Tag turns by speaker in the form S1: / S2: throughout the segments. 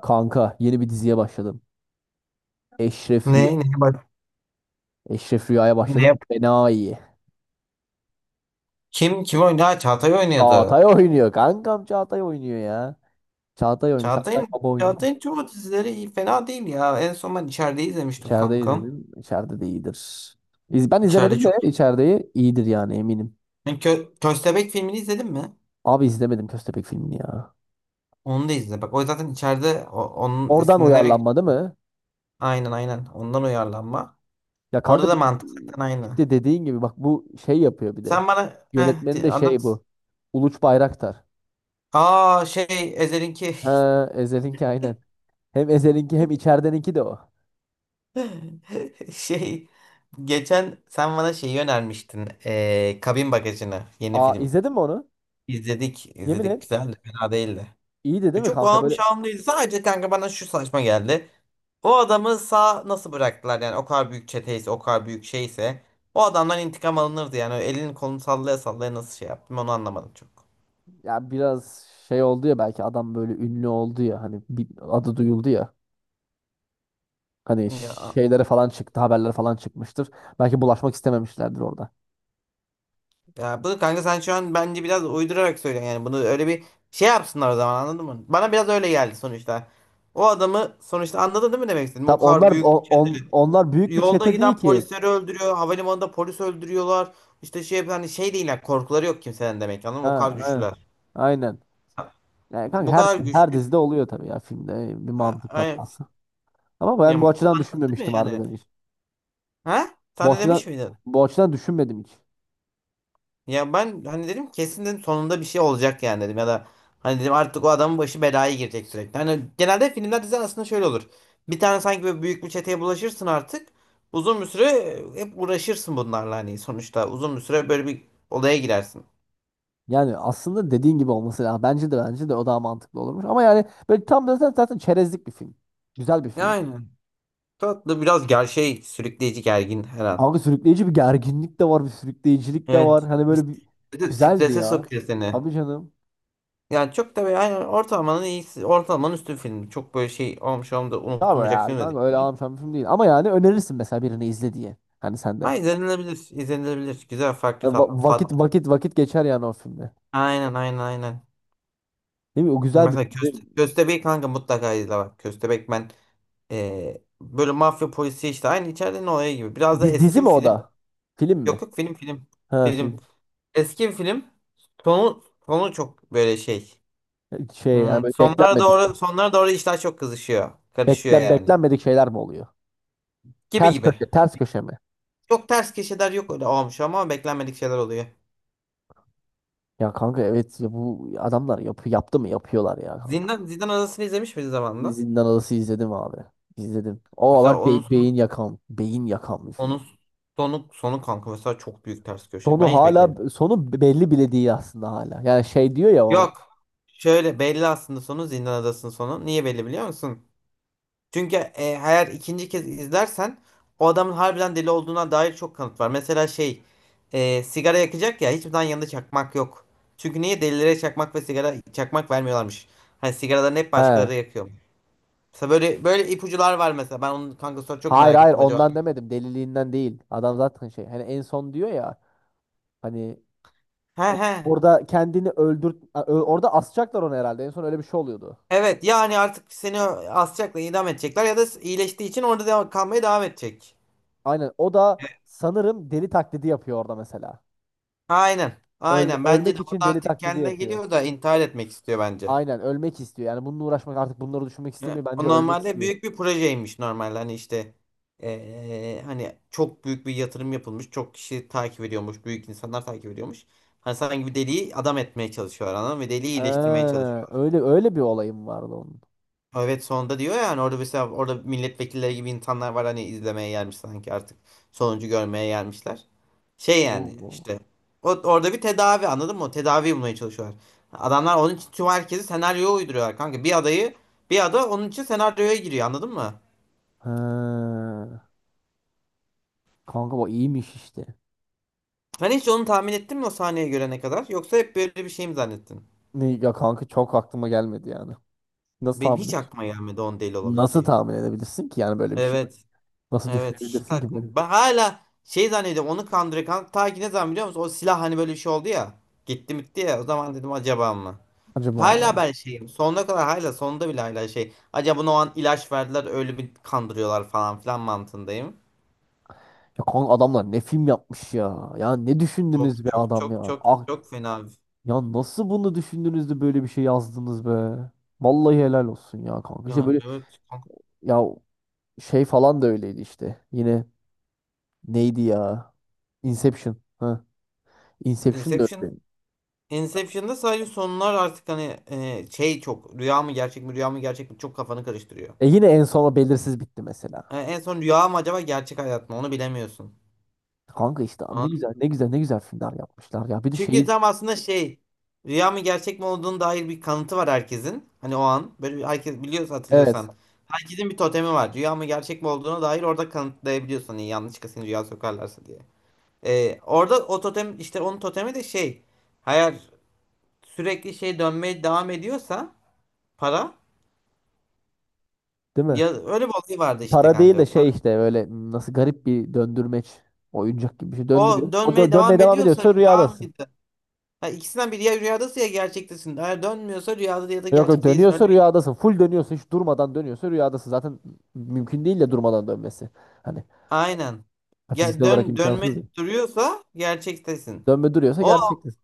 S1: Kanka yeni bir diziye başladım. Eşref Rüya.
S2: Ne, ne, bak,
S1: Eşref Rüya'ya
S2: ne
S1: başladım.
S2: yap?
S1: Fena iyi.
S2: Kim kim oynadı? Ha, Çağatay oynuyordu.
S1: Çağatay oynuyor. Kankam Çağatay oynuyor ya. Çağatay oynuyor. Çağatay
S2: Çağatay'ın
S1: baba oynuyor.
S2: Çağatay'ın tüm o dizileri iyi, fena değil ya. En son ben içeride izlemiştim
S1: İçeride
S2: kankam.
S1: izledim. İçeride de iyidir. Ben
S2: İçeride
S1: izlemedim de
S2: çok.
S1: içerideyi iyidir, yani eminim.
S2: Yani Köstebek filmini izledin mi?
S1: Abi izlemedim Köstebek filmini ya.
S2: Onu da izle. Bak o zaten içeride onun
S1: Oradan
S2: esinlenerek
S1: uyarlanma değil mi?
S2: aynen ondan uyarlanma.
S1: Ya
S2: Orada
S1: kanka
S2: da mantık zaten aynı.
S1: işte dediğin gibi bak, bu şey yapıyor bir de.
S2: Sen bana
S1: Yönetmeni de şey
S2: anlat.
S1: bu. Uluç Bayraktar.
S2: Aa şey Ezhel'inki
S1: Ha, Ezel'inki aynen. Hem Ezel'inki hem içerideninki de o.
S2: şey geçen sen bana şeyi önermiştin. Kabin Bagajı'nı, yeni
S1: Aa,
S2: film.
S1: izledin mi onu?
S2: İzledik,
S1: Yemin et.
S2: izledik. Güzeldi. Fena değildi.
S1: İyiydi
S2: Ve
S1: değil mi
S2: çok
S1: kanka?
S2: ağım
S1: Böyle
S2: şahım değildi. Sadece kanka bana şu saçma geldi. O adamı sağ nasıl bıraktılar yani? O kadar büyük çeteyse, o kadar büyük şeyse o adamdan intikam alınırdı yani. Elini kolunu sallaya sallaya nasıl şey yaptım, onu anlamadım çok.
S1: ya, biraz şey oldu ya, belki adam böyle ünlü oldu ya, hani bir adı duyuldu ya. Hani
S2: Ya,
S1: şeylere falan çıktı, haberler falan çıkmıştır. Belki bulaşmak istememişlerdir orada.
S2: ya bunu kanka sen şu an bence biraz uydurarak söylüyorsun. Yani bunu öyle bir şey yapsınlar o zaman, anladın mı? Bana biraz öyle geldi sonuçta. O adamı sonuçta anladın değil mi demek istedim.
S1: Tam
S2: O kadar
S1: onlar
S2: büyük.
S1: onlar büyük bir
S2: Yolda
S1: çete değil
S2: giden
S1: ki.
S2: polisleri öldürüyor. Havalimanında polis öldürüyorlar. İşte şey, hani şey değiller. Korkuları yok kimsenin demek. Anladın mı? O
S1: Ha,
S2: kadar
S1: aynen.
S2: güçlüler.
S1: Aynen. Yani kanka
S2: Bu
S1: her
S2: kadar
S1: her
S2: güçlü.
S1: dizide oluyor tabii ya, filmde bir mantık
S2: Yani,
S1: katması. Ama ben bu açıdan
S2: anladın mı
S1: düşünmemiştim
S2: yani?
S1: harbiden hiç.
S2: Ha?
S1: Bu
S2: Sen de demiş
S1: açıdan
S2: miydin?
S1: bu açıdan düşünmedim hiç.
S2: Ya ben hani dedim, kesin dedim sonunda bir şey olacak yani dedim, ya da hani dedim artık o adamın başı belaya girecek sürekli. Hani genelde filmler, diziler aslında şöyle olur. Bir tane sanki böyle büyük bir çeteye bulaşırsın artık. Uzun bir süre hep uğraşırsın bunlarla, hani sonuçta uzun bir süre böyle bir olaya girersin.
S1: Yani aslında dediğin gibi olması lazım. Bence de o daha mantıklı olurmuş. Ama yani böyle tam da zaten çerezlik bir film. Güzel bir film.
S2: Aynen. Tatlı biraz, ger şey sürükleyici, gergin her an.
S1: Kanka sürükleyici bir gerginlik de var, bir sürükleyicilik de
S2: Evet,
S1: var. Hani böyle bir
S2: bir de
S1: güzeldi
S2: strese
S1: ya.
S2: sokuyor seni.
S1: Tabii canım.
S2: Yani çok da böyle aynen ortalamanın iyisi. Ortalamanın üstü film. Çok böyle şey olmuş, olmuş da
S1: Tabii
S2: unutulmayacak
S1: ya
S2: film de
S1: kanka, öyle
S2: değil.
S1: ağlamışan bir film değil. Ama yani önerirsin mesela birini izle diye. Hani sen de.
S2: Ha, izlenilebilir, izlenilebilir. Güzel farklı
S1: Hani
S2: tat. Fat.
S1: vakit geçer yani o filmde.
S2: Aynen.
S1: Değil mi? O güzel bir
S2: Mesela
S1: film, değil mi?
S2: Köstebek kanka mutlaka izle bak. Köstebek, ben böyle mafya polisi işte aynı içeride ne olay gibi. Biraz da
S1: Dizi
S2: eski bir
S1: mi o
S2: film.
S1: da? Film
S2: Yok
S1: mi?
S2: yok, film film.
S1: Ha,
S2: Film.
S1: film.
S2: Eski bir film. Sonu, sonu çok böyle şey.
S1: Şey yani
S2: Hmm,
S1: böyle
S2: sonlara
S1: beklenmedik.
S2: doğru, sonlara doğru işler çok kızışıyor. Karışıyor yani.
S1: Beklenmedik şeyler mi oluyor?
S2: Gibi
S1: Ters
S2: gibi.
S1: köşe, ters köşe mi?
S2: Çok ters köşeler yok, öyle olmuş ama beklenmedik şeyler oluyor.
S1: Ya kanka, evet ya, bu adamlar yaptı mı yapıyorlar ya kanka.
S2: Zindan Adası'nı izlemiş miyiz zamanında?
S1: Zindan Adası izledim abi. İzledim. O
S2: Mesela
S1: var,
S2: onun
S1: beyin
S2: sonu,
S1: yakan, beyin yakan bir film.
S2: onun sonu, sonu kanka mesela çok büyük ters köşe. Ben
S1: Sonu
S2: hiç beklemedim.
S1: hala, sonu belli bile değil aslında hala. Yani şey diyor ya orada.
S2: Yok. Şöyle belli aslında sonu, Zindan Adası'nın sonu. Niye belli biliyor musun? Çünkü eğer ikinci kez izlersen o adamın harbiden deli olduğuna dair çok kanıt var. Mesela sigara yakacak ya, hiçbir zaman yanında çakmak yok. Çünkü niye, delilere çakmak ve sigara çakmak vermiyorlarmış. Hani sigaralarını hep
S1: He.
S2: başkaları yakıyor. Mesela böyle böyle ipucular var mesela. Ben onun kanka sonra çok
S1: Hayır
S2: merak
S1: hayır,
S2: ettim acaba.
S1: ondan demedim. Deliliğinden değil. Adam zaten şey, hani en son diyor ya, hani
S2: He he.
S1: orada kendini öldür, orada asacaklar onu herhalde. En son öyle bir şey oluyordu.
S2: Evet, yani artık seni asacaklar, idam edecekler ya da iyileştiği için orada devam, kalmaya devam edecek.
S1: Aynen. O da sanırım deli taklidi yapıyor orada mesela.
S2: Aynen. Aynen. Bence de
S1: Ölmek için
S2: orada
S1: deli
S2: artık
S1: taklidi
S2: kendine
S1: yapıyor.
S2: geliyor da intihar etmek istiyor bence.
S1: Aynen, ölmek istiyor. Yani bununla uğraşmak, artık bunları düşünmek
S2: Ya,
S1: istemiyor. Bence
S2: o
S1: ölmek
S2: normalde
S1: istiyor.
S2: büyük bir projeymiş normalde, hani işte hani çok büyük bir yatırım yapılmış, çok kişi takip ediyormuş, büyük insanlar takip ediyormuş. Hani sanki bir deliği adam etmeye çalışıyor adam ve deliği iyileştirmeye
S1: Ha,
S2: çalışıyor.
S1: öyle öyle bir olayım vardı onun.
S2: Evet, sonunda diyor yani orada, mesela orada milletvekilleri gibi insanlar var, hani izlemeye gelmiş sanki artık sonucu görmeye gelmişler. Şey yani
S1: Oo.
S2: işte orada bir tedavi, anladın mı? O tedavi bulmaya çalışıyorlar. Adamlar onun için tüm herkesi senaryoya uyduruyorlar kanka. Bir ada onun için senaryoya giriyor, anladın mı?
S1: Ha. Kanka bu iyiymiş işte.
S2: Sen hiç onu tahmin ettin mi o sahneyi görene kadar? Yoksa hep böyle bir şey mi zannettin?
S1: Ne ya kanka, çok aklıma gelmedi yani. Nasıl
S2: Benim
S1: tahmin
S2: hiç
S1: et?
S2: aklıma gelmedi onun deli
S1: Nasıl
S2: olabileceği.
S1: tahmin edebilirsin ki yani böyle bir şey?
S2: Evet.
S1: Nasıl
S2: Evet. Hiç
S1: düşünebilirsin ki
S2: aklıma.
S1: böyle?
S2: Ben hala şey zannediyorum, onu kandırıyor. Ta ki ne zaman biliyor musun? O silah hani böyle bir şey oldu ya. Gitti bitti ya. O zaman dedim acaba mı?
S1: Acaba
S2: Hala ben şeyim. Sonuna kadar, hala sonunda bile hala şey. Acaba ona o an ilaç verdiler, öyle bir kandırıyorlar falan filan mantığındayım.
S1: ya kanka, adamlar ne film yapmış ya? Ya ne düşündünüz
S2: Çok
S1: be
S2: çok
S1: adam
S2: çok
S1: ya?
S2: çok
S1: Ah,
S2: çok fena.
S1: ya nasıl bunu düşündünüz de böyle bir şey yazdınız be? Vallahi helal olsun ya kanka. İşte
S2: Yani
S1: böyle
S2: evet.
S1: ya. Şey falan da öyleydi işte. Yine neydi ya? Inception. Ha. Inception da
S2: Inception,
S1: öyle.
S2: Inception'da sadece sonlar artık hani şey, çok rüya mı gerçek mi, rüya mı gerçek mi, çok kafanı karıştırıyor.
S1: E yine en sona belirsiz bitti mesela.
S2: En son rüya mı acaba, gerçek hayat mı, onu bilemiyorsun.
S1: Kanka işte ne
S2: Anladın mı?
S1: güzel, ne güzel, ne güzel filmler yapmışlar ya. Bir de
S2: Çünkü
S1: şey,
S2: tam aslında şey, rüya mı gerçek mi olduğunu dair bir kanıtı var herkesin. Hani o an herkes biliyorsa,
S1: evet,
S2: hatırlıyorsan. Herkesin bir totemi var. Rüya mı gerçek mi olduğuna dair orada kanıtlayabiliyorsun. Hani yanlışlıkla seni rüya sokarlarsa diye. Orada o totem işte, onun totemi de şey. Eğer sürekli şey dönmeye devam ediyorsa, para.
S1: değil mi?
S2: Ya öyle bir olay vardı işte
S1: Para değil de
S2: kanka.
S1: şey
S2: Para.
S1: işte, böyle nasıl garip bir döndürmeç, oyuncak gibi bir şey döndürüyor.
S2: O
S1: O
S2: dönmeye
S1: dönmeye
S2: devam
S1: devam
S2: ediyorsa
S1: ediyorsa
S2: rüya
S1: rüyadasın.
S2: mıydı? Ha, ikisinden biri, ya rüyadasın ya gerçektesin. Eğer dönmüyorsa, rüyada ya da
S1: Yok yok,
S2: gerçek değilsin. Öyle
S1: dönüyorsa
S2: bir...
S1: rüyadasın. Full dönüyorsa, hiç durmadan dönüyorsa rüyadasın. Zaten mümkün değil de durmadan dönmesi. Hani
S2: Aynen. Ya
S1: fiziksel olarak
S2: dönme
S1: imkansız ya.
S2: duruyorsa gerçektesin.
S1: Dönme duruyorsa
S2: O
S1: gerçektir.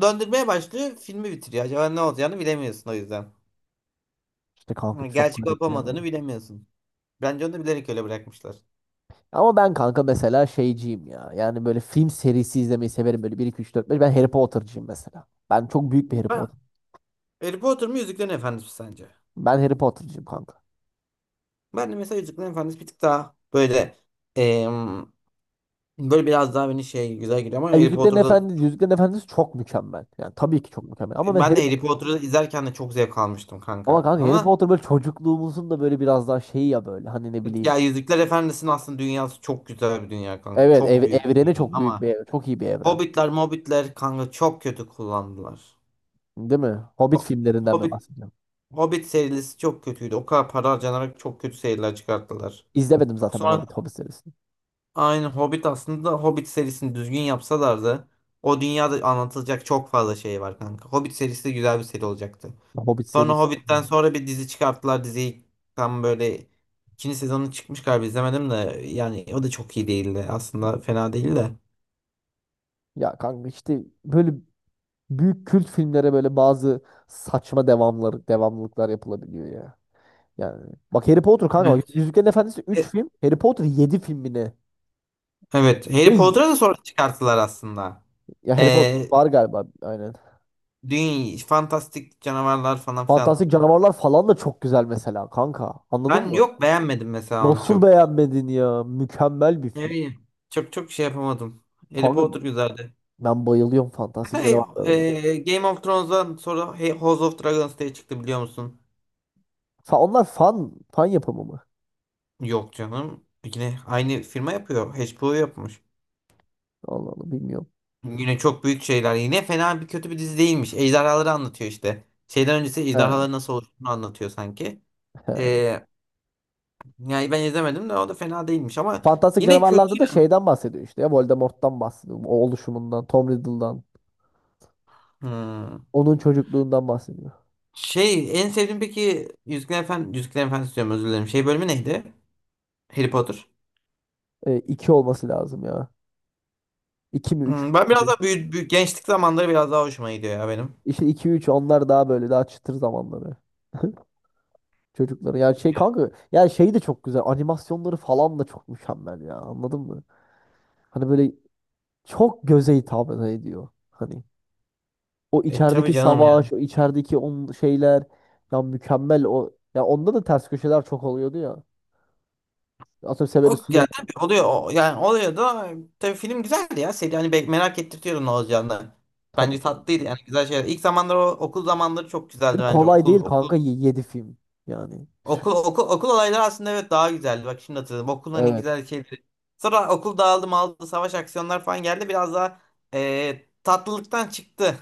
S2: döndürmeye başlıyor, filmi bitiriyor. Acaba ne olacağını bilemiyorsun o yüzden.
S1: İşte kanka
S2: Ha,
S1: çok
S2: gerçek olup
S1: garip ya.
S2: olmadığını bilemiyorsun. Bence onu da bilerek öyle bırakmışlar.
S1: Ama ben kanka mesela şeyciyim ya. Yani böyle film serisi izlemeyi severim. Böyle bir, iki, üç, dört, beş. Ben Harry Potter'cıyım mesela. Ben çok büyük bir Harry
S2: Ben
S1: Potter.
S2: Harry Potter mı, Yüzüklerin Efendisi mi sence?
S1: Ben Harry Potter'cıyım kanka.
S2: Ben de mesela Yüzüklerin Efendisi bir tık daha böyle. Böyle biraz daha beni şey, güzel geliyor ama
S1: Ya
S2: Harry
S1: Yüzüklerin
S2: Potter'da
S1: Efendisi, Yüzüklerin Efendisi çok mükemmel. Yani tabii ki çok mükemmel. Ama
S2: ben de Harry Potter'ı izlerken de çok zevk almıştım
S1: Ama
S2: kanka.
S1: kanka Harry
S2: Ama
S1: Potter böyle çocukluğumuzun da, böyle biraz daha şeyi ya böyle. Hani ne
S2: evet,
S1: bileyim.
S2: ya Yüzükler Efendisi'nin aslında dünyası çok güzel bir dünya kanka.
S1: Evet,
S2: Çok büyük
S1: evreni
S2: bir dünya
S1: çok büyük bir
S2: ama
S1: ev- Çok iyi bir evren.
S2: Hobbitler, Mobbitler kanka çok kötü kullandılar.
S1: Değil mi? Hobbit
S2: Ho-
S1: filmlerinden mi
S2: Hobbit
S1: bahsediyorum?
S2: Hobbit serisi çok kötüydü. O kadar para harcanarak çok kötü seriler çıkarttılar.
S1: İzlemedim zaten ben
S2: Sonra
S1: Hobbit serisini.
S2: aynı Hobbit, aslında Hobbit serisini düzgün yapsalardı o dünyada anlatılacak çok fazla şey var kanka. Hobbit serisi de güzel bir seri olacaktı.
S1: Hobbit
S2: Sonra
S1: serisi.
S2: Hobbit'ten sonra bir dizi çıkarttılar. Diziyi tam böyle, ikinci sezonu çıkmış galiba izlemedim de yani o da çok iyi değildi. Aslında fena değil de.
S1: Ya kanka işte böyle, büyük kült filmlere böyle bazı saçma devamlar, devamlılıklar yapılabiliyor ya. Yani bak Harry Potter kanka,
S2: Evet.
S1: bak Yüzüklerin Efendisi üç
S2: E,
S1: film, Harry Potter 7 film mi ne?
S2: Evet, Harry
S1: Ve
S2: Potter'ı da sonra çıkarttılar aslında.
S1: ya, Harry Potter
S2: Ee,
S1: var galiba aynen.
S2: Dünya, fantastik canavarlar falan filan.
S1: Fantastik Canavarlar falan da çok güzel mesela kanka. Anladın
S2: Ben
S1: mı?
S2: yok, beğenmedim mesela onu
S1: Nasıl
S2: çok.
S1: beğenmedin ya? Mükemmel bir film.
S2: Yani çok çok şey yapamadım. Harry
S1: Kanka
S2: Potter güzeldi.
S1: ben bayılıyorum Fantastik
S2: Mesela,
S1: Canavarlara da.
S2: Game of Thrones'dan sonra House of Dragons diye çıktı biliyor musun?
S1: Onlar fan yapımı mı?
S2: Yok canım. Yine aynı firma yapıyor. HBO yapmış.
S1: Allah Allah, bilmiyorum.
S2: Yine çok büyük şeyler. Yine fena bir, kötü bir dizi değilmiş. Ejderhaları anlatıyor işte. Şeyden öncesi
S1: He,
S2: ejderhaların nasıl oluştuğunu anlatıyor sanki.
S1: he.
S2: Ee, Yani ben izlemedim de, o da fena değilmiş ama
S1: Fantastik
S2: yine
S1: canavarlarda
S2: kötü
S1: da
S2: ya.
S1: şeyden bahsediyor işte, ya Voldemort'tan bahsediyor. O oluşumundan, Tom Riddle'dan.
S2: Hmm.
S1: Onun çocukluğundan bahsediyor.
S2: Şey en sevdiğim peki, Yüzüklerin Efendisi, Yüzüklerin Efendisi diyorum, özür dilerim. Şey bölümü neydi? Harry Potter.
S1: E, iki olması lazım ya. İki mi üç mü
S2: Hmm, ben biraz
S1: neydi?
S2: daha büyük, büyük gençlik zamanları biraz daha hoşuma gidiyor ya benim.
S1: İşte iki üç, onlar daha böyle, daha çıtır zamanları. Çocukları. Yani şey kanka, yani şey de çok güzel. Animasyonları falan da çok mükemmel ya. Anladın mı? Hani böyle çok göze hitap ediyor. Hani o
S2: E tabii
S1: içerideki
S2: canım.
S1: savaş, o içerideki on şeyler ya, mükemmel o. Ya onda da ters köşeler çok oluyordu ya. Atıyorum
S2: O
S1: Severus
S2: yani
S1: Snape.
S2: tabii oluyor o, yani oluyor da tabii film güzeldi ya, seri hani merak ettirtiyordu ne olacağını.
S1: Tabii
S2: Bence
S1: canım.
S2: tatlıydı yani, güzel şeyler. İlk zamanlar o okul zamanları çok güzeldi
S1: Ve
S2: bence.
S1: kolay değil kanka, 7 film. Yani.
S2: Okul olayları aslında, evet, daha güzeldi. Bak şimdi hatırladım, okul hani
S1: Evet.
S2: güzel şeydi. Sonra okul dağıldı maldı, savaş aksiyonlar falan geldi, biraz daha tatlılıktan çıktı.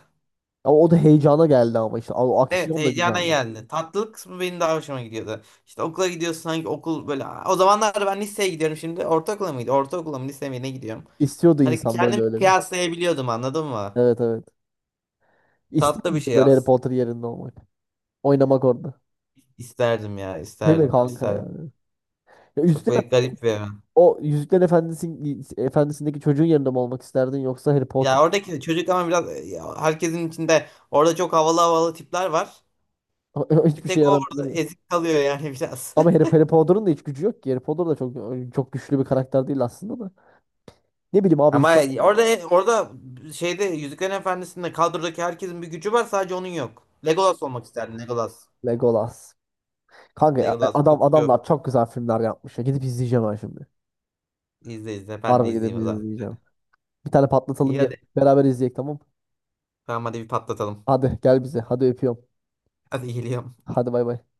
S1: Ama o da heyecana geldi ama işte. O
S2: Evet,
S1: aksiyon da
S2: heyecana
S1: güzeldi.
S2: geldi. Tatlılık kısmı benim daha hoşuma gidiyordu. İşte okula gidiyorsun, hangi okul böyle. O zamanlar ben liseye gidiyorum şimdi. Ortaokula mıydı? Ortaokula mı lise mi ne gidiyorum?
S1: İstiyordu
S2: Hani
S1: insan böyle
S2: kendimi
S1: öyle bir.
S2: kıyaslayabiliyordum, anladın mı?
S1: Evet, evet. İster
S2: Tatlı bir
S1: miydin
S2: şey,
S1: böyle Harry Potter yerinde olmak? Oynamak orada.
S2: isterdim ya,
S1: Değil mi
S2: isterdim
S1: kanka
S2: isterdim.
S1: yani? Ya
S2: Çok böyle garip bir evren.
S1: O Yüzükler Efendisi'ndeki çocuğun yerinde mi olmak isterdin yoksa Harry Potter?
S2: Ya oradaki de çocuk ama biraz ya herkesin içinde orada çok havalı havalı tipler var. Bir
S1: Hiçbir şey
S2: tek o
S1: yaramıyor, değil
S2: orada
S1: mi?
S2: ezik kalıyor yani biraz.
S1: Ama Harry Potter'ın da hiç gücü yok ki. Harry Potter da çok çok güçlü bir karakter değil aslında da. Ne bileyim abi,
S2: Ama
S1: insan
S2: orada şeyde, Yüzüklerin Efendisi'nde kadrodaki herkesin bir gücü var, sadece onun yok. Legolas olmak isterdim, Legolas.
S1: Legolas. Kanka
S2: Legolas
S1: adamlar
S2: okçu.
S1: çok güzel filmler yapmış ya. Gidip izleyeceğim ben şimdi.
S2: İzle izle, ben de
S1: Harbi gidip
S2: izleyeyim o zaman.
S1: izleyeceğim. Bir tane patlatalım
S2: İyi
S1: gel.
S2: hadi.
S1: Beraber izleyek, tamam.
S2: Tamam hadi bir patlatalım.
S1: Hadi gel bize. Hadi öpüyorum.
S2: Hadi geliyorum.
S1: Hadi, bay bay.